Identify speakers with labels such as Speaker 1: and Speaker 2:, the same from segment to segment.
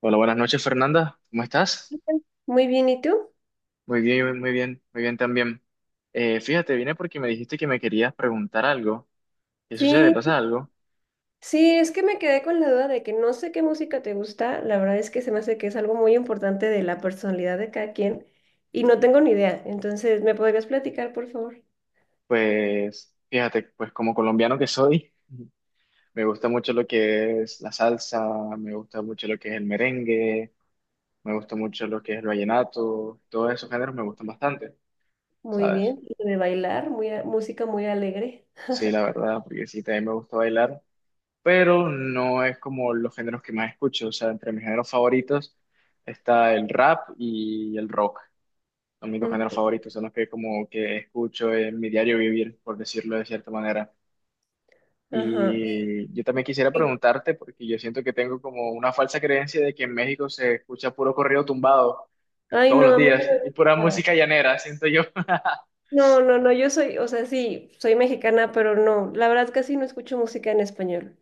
Speaker 1: Hola, buenas noches, Fernanda. ¿Cómo estás?
Speaker 2: Muy bien, ¿y tú?
Speaker 1: Muy bien, muy bien, muy bien también. Fíjate, vine porque me dijiste que me querías preguntar algo. ¿Qué sucede? ¿Pasa
Speaker 2: Sí,
Speaker 1: algo?
Speaker 2: sí, es que me quedé con la duda de que no sé qué música te gusta. La verdad es que se me hace que es algo muy importante de la personalidad de cada quien y no tengo ni idea. Entonces, ¿me podrías platicar, por favor?
Speaker 1: Pues, fíjate, pues como colombiano que soy, me gusta mucho lo que es la salsa, me gusta mucho lo que es el merengue, me gusta mucho lo que es el vallenato, todos esos géneros me gustan bastante,
Speaker 2: Muy
Speaker 1: ¿sabes?
Speaker 2: bien. Y de bailar, música muy alegre.
Speaker 1: Sí, la verdad, porque sí, también me gusta bailar. Pero no es como los géneros que más escucho. O sea, entre mis géneros favoritos está el rap y el rock. Son mis dos géneros
Speaker 2: Ujú.
Speaker 1: favoritos, son los que como que escucho en mi diario vivir, por decirlo de cierta manera.
Speaker 2: Ajá.
Speaker 1: Y yo también quisiera
Speaker 2: Y-
Speaker 1: preguntarte, porque yo siento que tengo como una falsa creencia de que en México se escucha puro corrido tumbado
Speaker 2: Ay,
Speaker 1: todos
Speaker 2: no,
Speaker 1: los
Speaker 2: a mí
Speaker 1: días
Speaker 2: no me
Speaker 1: y pura
Speaker 2: gusta.
Speaker 1: música llanera, siento yo.
Speaker 2: No, no, no, yo soy, o sea, sí, soy mexicana, pero no, la verdad casi no escucho música en español.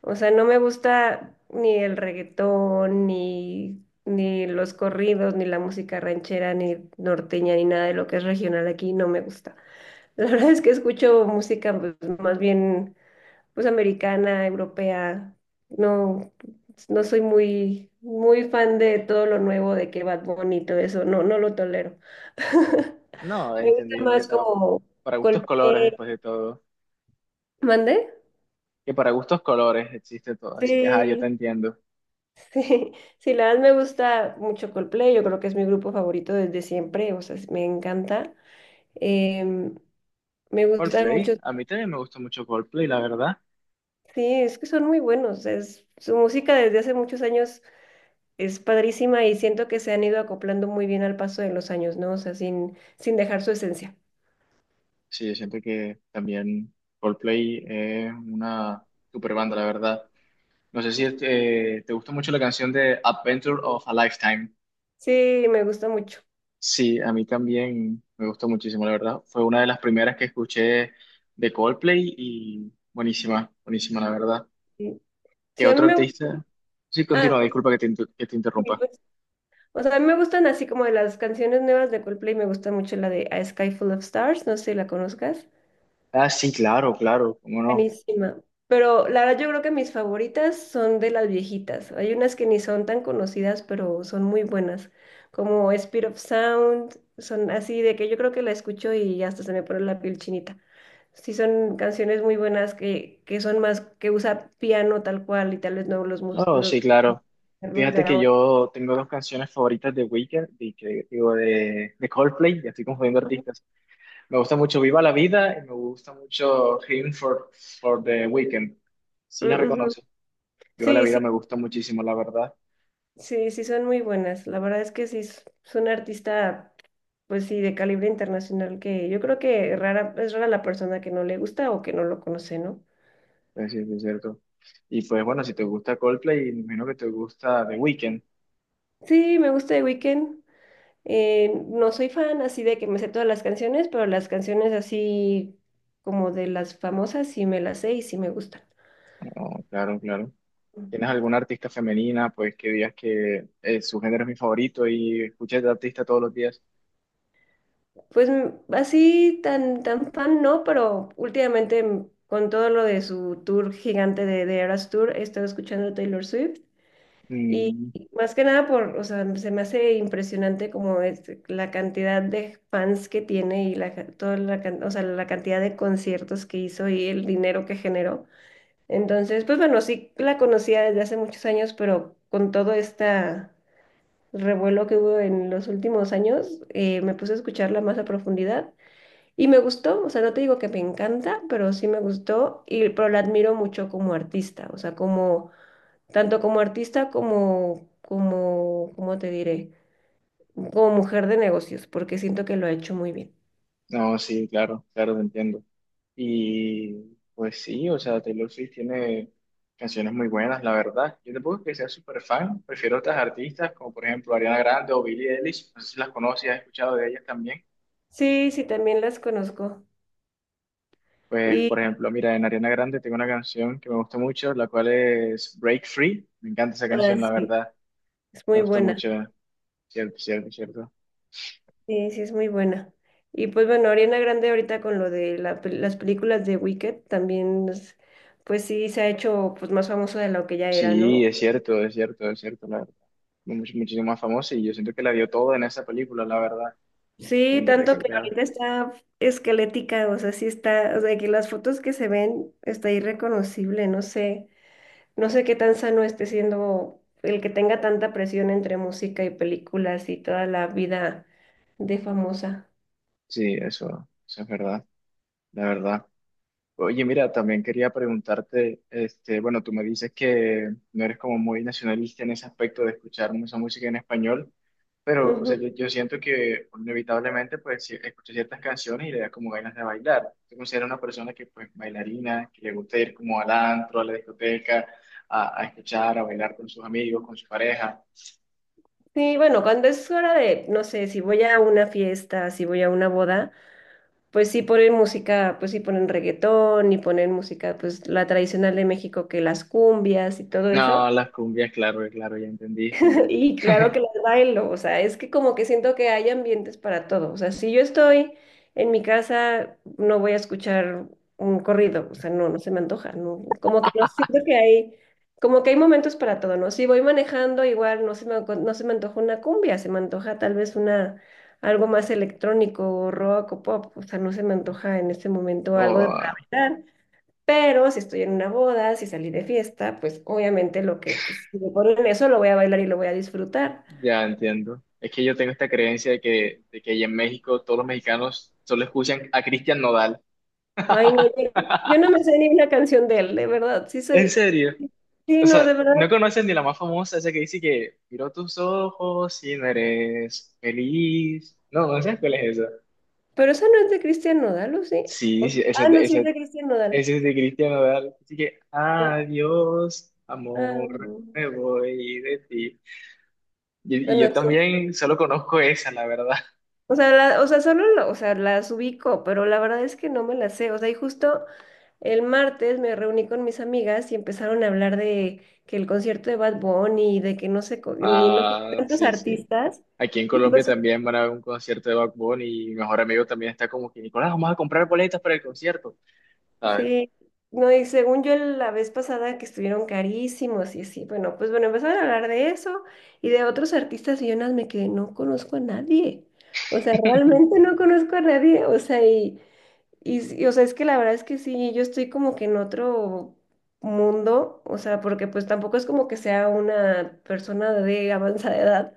Speaker 2: O sea, no me gusta ni el reggaetón, ni, ni los corridos, ni la música ranchera, ni norteña, ni nada de lo que es regional aquí, no me gusta. La verdad es que escucho música, pues, más bien, pues americana, europea. No, no soy muy, muy fan de todo lo nuevo de que Bad Bunny y todo eso. No, no lo tolero.
Speaker 1: No,
Speaker 2: Me gusta
Speaker 1: entendible, o
Speaker 2: más
Speaker 1: sea,
Speaker 2: como
Speaker 1: para gustos colores
Speaker 2: Coldplay.
Speaker 1: después de todo.
Speaker 2: ¿Mande?
Speaker 1: Que para gustos colores existe todo, así que ajá, yo
Speaker 2: Sí,
Speaker 1: te entiendo.
Speaker 2: sí, sí, la verdad me gusta mucho Coldplay, yo creo que es mi grupo favorito desde siempre, o sea, me encanta. Em, me gustan mucho,
Speaker 1: Coldplay, a mí también me gusta mucho Coldplay, la verdad.
Speaker 2: sí, es que son muy buenos, es, su música desde hace muchos años es padrísima y siento que se han ido acoplando muy bien al paso de los años, ¿no? O sea, sin, sin dejar su esencia.
Speaker 1: Sí, siento que también Coldplay es una super banda, la verdad. No sé si te gusta mucho la canción de Adventure of a Lifetime.
Speaker 2: Sí, me gusta mucho.
Speaker 1: Sí, a mí también me gustó muchísimo, la verdad. Fue una de las primeras que escuché de Coldplay y buenísima, buenísima, la verdad.
Speaker 2: Sí,
Speaker 1: ¿Qué
Speaker 2: sí, a mí
Speaker 1: otro
Speaker 2: me gusta,
Speaker 1: artista? Sí,
Speaker 2: ah,
Speaker 1: continúa, disculpa que te, que te
Speaker 2: sí,
Speaker 1: interrumpa.
Speaker 2: pues, o sea, a mí me gustan así como de las canciones nuevas de Coldplay, me gusta mucho la de A Sky Full of Stars, no sé si la conozcas.
Speaker 1: Ah, sí, claro, claro, cómo no.
Speaker 2: Buenísima. Pero la verdad yo creo que mis favoritas son de las viejitas. Hay unas que ni son tan conocidas, pero son muy buenas, como Spirit of Sound, son así de que yo creo que la escucho y hasta se me pone la piel chinita. Sí, son canciones muy buenas que son más, que usa piano tal cual y tal vez no los, mus-
Speaker 1: Oh, sí, claro.
Speaker 2: los de
Speaker 1: Fíjate que
Speaker 2: ahora.
Speaker 1: yo tengo dos canciones favoritas de Weekend, y que, digo, de Coldplay, ya estoy confundiendo artistas. Me gusta mucho Viva la Vida y me gusta mucho for the Weekend. Sí la
Speaker 2: Mm, ujú.
Speaker 1: reconoce. Viva la
Speaker 2: Sí,
Speaker 1: Vida
Speaker 2: sí,
Speaker 1: me gusta muchísimo, la verdad.
Speaker 2: sí, sí son muy buenas. La verdad es que sí, es una artista, pues sí, de calibre internacional, que yo creo que rara, es rara la persona que no le gusta o que no lo conoce, ¿no?
Speaker 1: Pues sí, sí, es cierto. Y pues bueno, si te gusta Coldplay, me imagino que te gusta The Weekend.
Speaker 2: Sí, me gusta The Weeknd. No soy fan así de que me sé todas las canciones, pero las canciones así como de las famosas sí me las sé y sí me gustan.
Speaker 1: Oh, claro, claro. ¿Tienes alguna artista femenina, pues que digas que su género es mi favorito y escuchas de artista todos los días?
Speaker 2: Pues así tan, tan fan no, pero últimamente con todo lo de su tour gigante de Eras Tour, he estado escuchando Taylor Swift. Y
Speaker 1: Mm.
Speaker 2: más que nada por, o sea, se me hace impresionante como es la cantidad de fans que tiene y toda o sea, la cantidad de conciertos que hizo y el dinero que generó. Entonces, pues bueno, sí la conocía desde hace muchos años, pero con todo este revuelo que hubo en los últimos años, me puse a escucharla más a profundidad y me gustó, o sea, no te digo que me encanta, pero sí me gustó y pero la admiro mucho como artista, o sea, como tanto como artista como, ¿cómo te diré? Como mujer de negocios, porque siento que lo ha hecho muy bien.
Speaker 1: No, sí, claro, claro, te entiendo. Y pues sí, o sea, Taylor Swift tiene canciones muy buenas, la verdad. Yo tampoco que sea súper fan, prefiero otras artistas como por ejemplo Ariana Grande o Billie Eilish, no sé si las conoces, has escuchado de ellas también.
Speaker 2: Sí, sí, también las conozco.
Speaker 1: Pues por
Speaker 2: Y
Speaker 1: ejemplo, mira, en Ariana Grande tengo una canción que me gusta mucho, la cual es Break Free. Me encanta esa canción, la
Speaker 2: sí,
Speaker 1: verdad.
Speaker 2: es
Speaker 1: Me
Speaker 2: muy
Speaker 1: gusta
Speaker 2: buena.
Speaker 1: mucho, cierto, cierto, cierto.
Speaker 2: Sí, sí, es muy buena. Y pues bueno, Ariana Grande ahorita con lo de la las películas de Wicked también, pues sí, se ha hecho, pues, más famosa de lo que ya era,
Speaker 1: Sí,
Speaker 2: ¿no?
Speaker 1: es cierto, es cierto, es cierto, la verdad. Muchísimo más famosa y yo siento que la dio todo en esa película, la verdad.
Speaker 2: Sí,
Speaker 1: Ven
Speaker 2: tanto que
Speaker 1: recalcar.
Speaker 2: ahorita está esquelética, o sea, sí está, o sea, que las fotos que se ven está irreconocible, no sé. No sé qué tan sano esté siendo el que tenga tanta presión entre música y películas y toda la vida de famosa.
Speaker 1: Sí, eso es verdad, la verdad. Oye, mira, también quería preguntarte, este, bueno, tú me dices que no eres como muy nacionalista en ese aspecto de escuchar mucha música en español, pero o sea,
Speaker 2: Ujú.
Speaker 1: yo siento que inevitablemente pues escucho ciertas canciones y le da como ganas de bailar. Te considero una persona que pues bailarina, que le gusta ir como al antro, a la discoteca, a escuchar, a bailar con sus amigos, con su pareja.
Speaker 2: Sí, bueno, cuando es hora de, no sé, si voy a una fiesta, si voy a una boda, pues sí ponen música, pues sí ponen reggaetón y ponen música, pues la tradicional de México, que las cumbias y todo eso.
Speaker 1: No, las cumbias, claro, claro, ya entendí.
Speaker 2: Y claro que las bailo, o sea, es que como que siento que hay ambientes para todo. O sea, si yo estoy en mi casa, no voy a escuchar un corrido, o sea, no, no se me antoja, no, como que no siento que hay, como que hay momentos para todo, ¿no? Si voy manejando, igual no se me, no se me antoja una cumbia, se me antoja tal vez una, algo más electrónico, o rock o pop, o sea, no se me antoja en este momento algo de para
Speaker 1: O
Speaker 2: bailar. Pero si estoy en una boda, si salí de fiesta, pues obviamente lo que, pues, si me ponen eso, lo voy a bailar y lo voy a disfrutar.
Speaker 1: ya entiendo. Es que yo tengo esta creencia de que allá en México todos los mexicanos solo escuchan a Cristian Nodal.
Speaker 2: Ay, no, yo, yo no me sé ni una canción de él, de verdad. Sí
Speaker 1: ¿En
Speaker 2: soy,
Speaker 1: serio?
Speaker 2: sí,
Speaker 1: O
Speaker 2: no,
Speaker 1: sea,
Speaker 2: de
Speaker 1: no
Speaker 2: verdad.
Speaker 1: conoces ni la más famosa, esa que dice que miró tus ojos y no eres feliz. No, no sabes cuál es esa.
Speaker 2: Pero esa no es de Cristian Nodal, ¿o sí?
Speaker 1: Sí,
Speaker 2: ¿O sí?
Speaker 1: sí, esa,
Speaker 2: Ah, no, sí
Speaker 1: esa,
Speaker 2: es de Cristian Nodal.
Speaker 1: esa es de Cristian Nodal. Así que,
Speaker 2: Sí.
Speaker 1: adiós,
Speaker 2: Ah,
Speaker 1: amor,
Speaker 2: mm,
Speaker 1: me voy de ti. Y
Speaker 2: bueno,
Speaker 1: yo
Speaker 2: sí.
Speaker 1: también solo conozco esa, la verdad.
Speaker 2: O sea, o sea, solo o sea, las ubico, pero la verdad es que no me las sé. O sea, y justo el martes me reuní con mis amigas y empezaron a hablar de que el concierto de Bad Bunny y de que no sé, ni no sé qué
Speaker 1: Ah,
Speaker 2: tantos
Speaker 1: sí, sí.
Speaker 2: artistas.
Speaker 1: Aquí en
Speaker 2: Y,
Speaker 1: Colombia
Speaker 2: pues,
Speaker 1: también van a haber un concierto de Bad Bunny y mi mejor amigo también está como que, Nicolás, vamos a comprar boletas para el concierto, ¿sabes?
Speaker 2: sí, no, y según yo la vez pasada que estuvieron carísimos y así, bueno, pues bueno, empezaron a hablar de eso y de otros artistas y yo nada más me quedé, no conozco a nadie. O sea, realmente no conozco a nadie. O sea, y... Y, y, o sea, es que la verdad es que sí, yo estoy como que en otro mundo, o sea, porque pues tampoco es como que sea una persona de avanzada edad,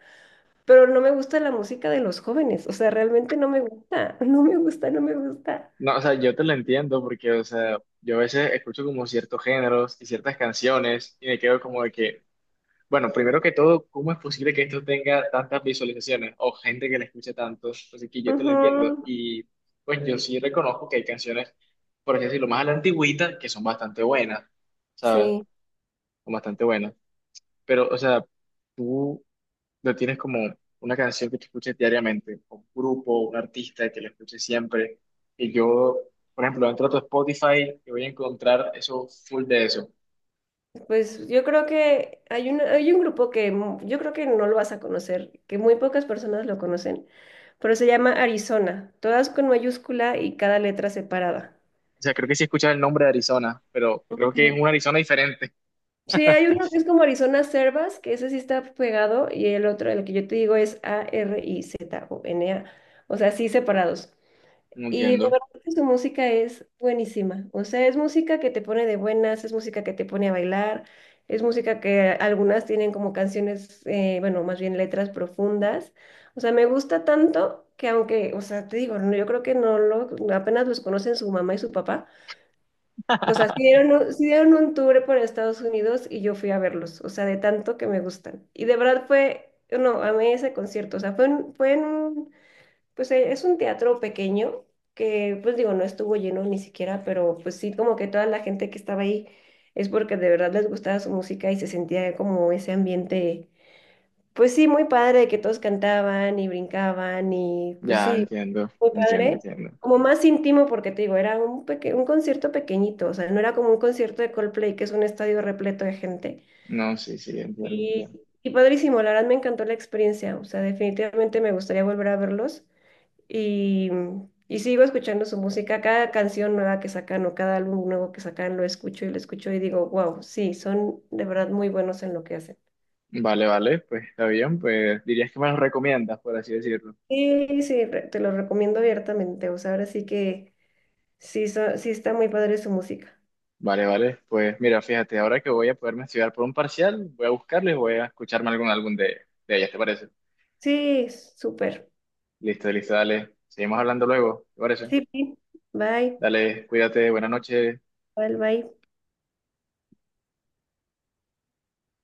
Speaker 2: pero no me gusta la música de los jóvenes, o sea, realmente no me gusta, no me gusta, no me gusta.
Speaker 1: No, o sea, yo te lo entiendo porque, o sea, yo a veces escucho como ciertos géneros y ciertas canciones y me quedo como de que, bueno, primero que todo, ¿cómo es posible que esto tenga tantas visualizaciones o gente que le escuche tanto? Así que yo te lo entiendo
Speaker 2: Ujú.
Speaker 1: y pues yo sí reconozco que hay canciones, por así decirlo, más a la antigüita que son bastante buenas, ¿sabes?
Speaker 2: Sí,
Speaker 1: Son bastante buenas. Pero, o sea, tú no tienes como una canción que te escuches diariamente, o un grupo, un artista que la escuches siempre. Y yo, por ejemplo, entro a tu Spotify y voy a encontrar eso full de eso. O
Speaker 2: pues yo creo que hay un grupo que yo creo que no lo vas a conocer, que muy pocas personas lo conocen, pero se llama Arizona, todas con mayúscula y cada letra separada.
Speaker 1: sea, creo que sí escuchas el nombre de Arizona, pero creo que es un Arizona diferente.
Speaker 2: Sí, hay uno que es como Arizona Servas, que ese sí está pegado, y el otro, el que yo te digo, es Arizona, o N A, o sea, sí separados.
Speaker 1: No
Speaker 2: Y de
Speaker 1: entiendo.
Speaker 2: verdad que su música es buenísima, o sea, es música que te pone de buenas, es música que te pone a bailar, es música que algunas tienen como canciones, bueno, más bien letras profundas, o sea, me gusta tanto que aunque, o sea, te digo, no, yo creo que no lo, apenas los conocen su mamá y su papá. O sea, sí dieron, sí dieron un tour por Estados Unidos y yo fui a verlos, o sea, de tanto que me gustan. Y de verdad fue, no, amé ese concierto, o sea, fue en un, pues es un teatro pequeño que, pues digo, no estuvo lleno ni siquiera, pero pues sí, como que toda la gente que estaba ahí es porque de verdad les gustaba su música y se sentía como ese ambiente, pues sí, muy padre, que todos cantaban y brincaban y pues
Speaker 1: Ya,
Speaker 2: sí,
Speaker 1: entiendo,
Speaker 2: muy
Speaker 1: entiendo,
Speaker 2: padre.
Speaker 1: entiendo.
Speaker 2: Como más íntimo porque te digo, era un un concierto pequeñito, o sea, no era como un concierto de Coldplay, que es un estadio repleto de gente.
Speaker 1: No, sí, sí, entiendo,
Speaker 2: Y,
Speaker 1: entiendo.
Speaker 2: y padrísimo, la verdad me encantó la experiencia, o sea, definitivamente me gustaría volver a verlos y, y sigo escuchando su música, cada canción nueva que sacan o cada álbum nuevo que sacan lo escucho y digo, wow, sí, son de verdad muy buenos en lo que hacen.
Speaker 1: Vale, vale, pues está bien, pues dirías que me lo recomiendas, por así decirlo.
Speaker 2: Sí, sí, te lo recomiendo abiertamente. O sea, ahora sí que sí, sí está muy padre su música.
Speaker 1: Vale, vale. Pues mira, fíjate, ahora que voy a poderme estudiar por un parcial, voy a buscarlo y voy a escucharme algún álbum de ellas, ¿te parece?
Speaker 2: Sí, súper.
Speaker 1: Listo, listo, dale. Seguimos hablando luego, ¿te parece?
Speaker 2: Sí, sí. Bye,
Speaker 1: Dale, cuídate, buenas noches.
Speaker 2: bye, bye.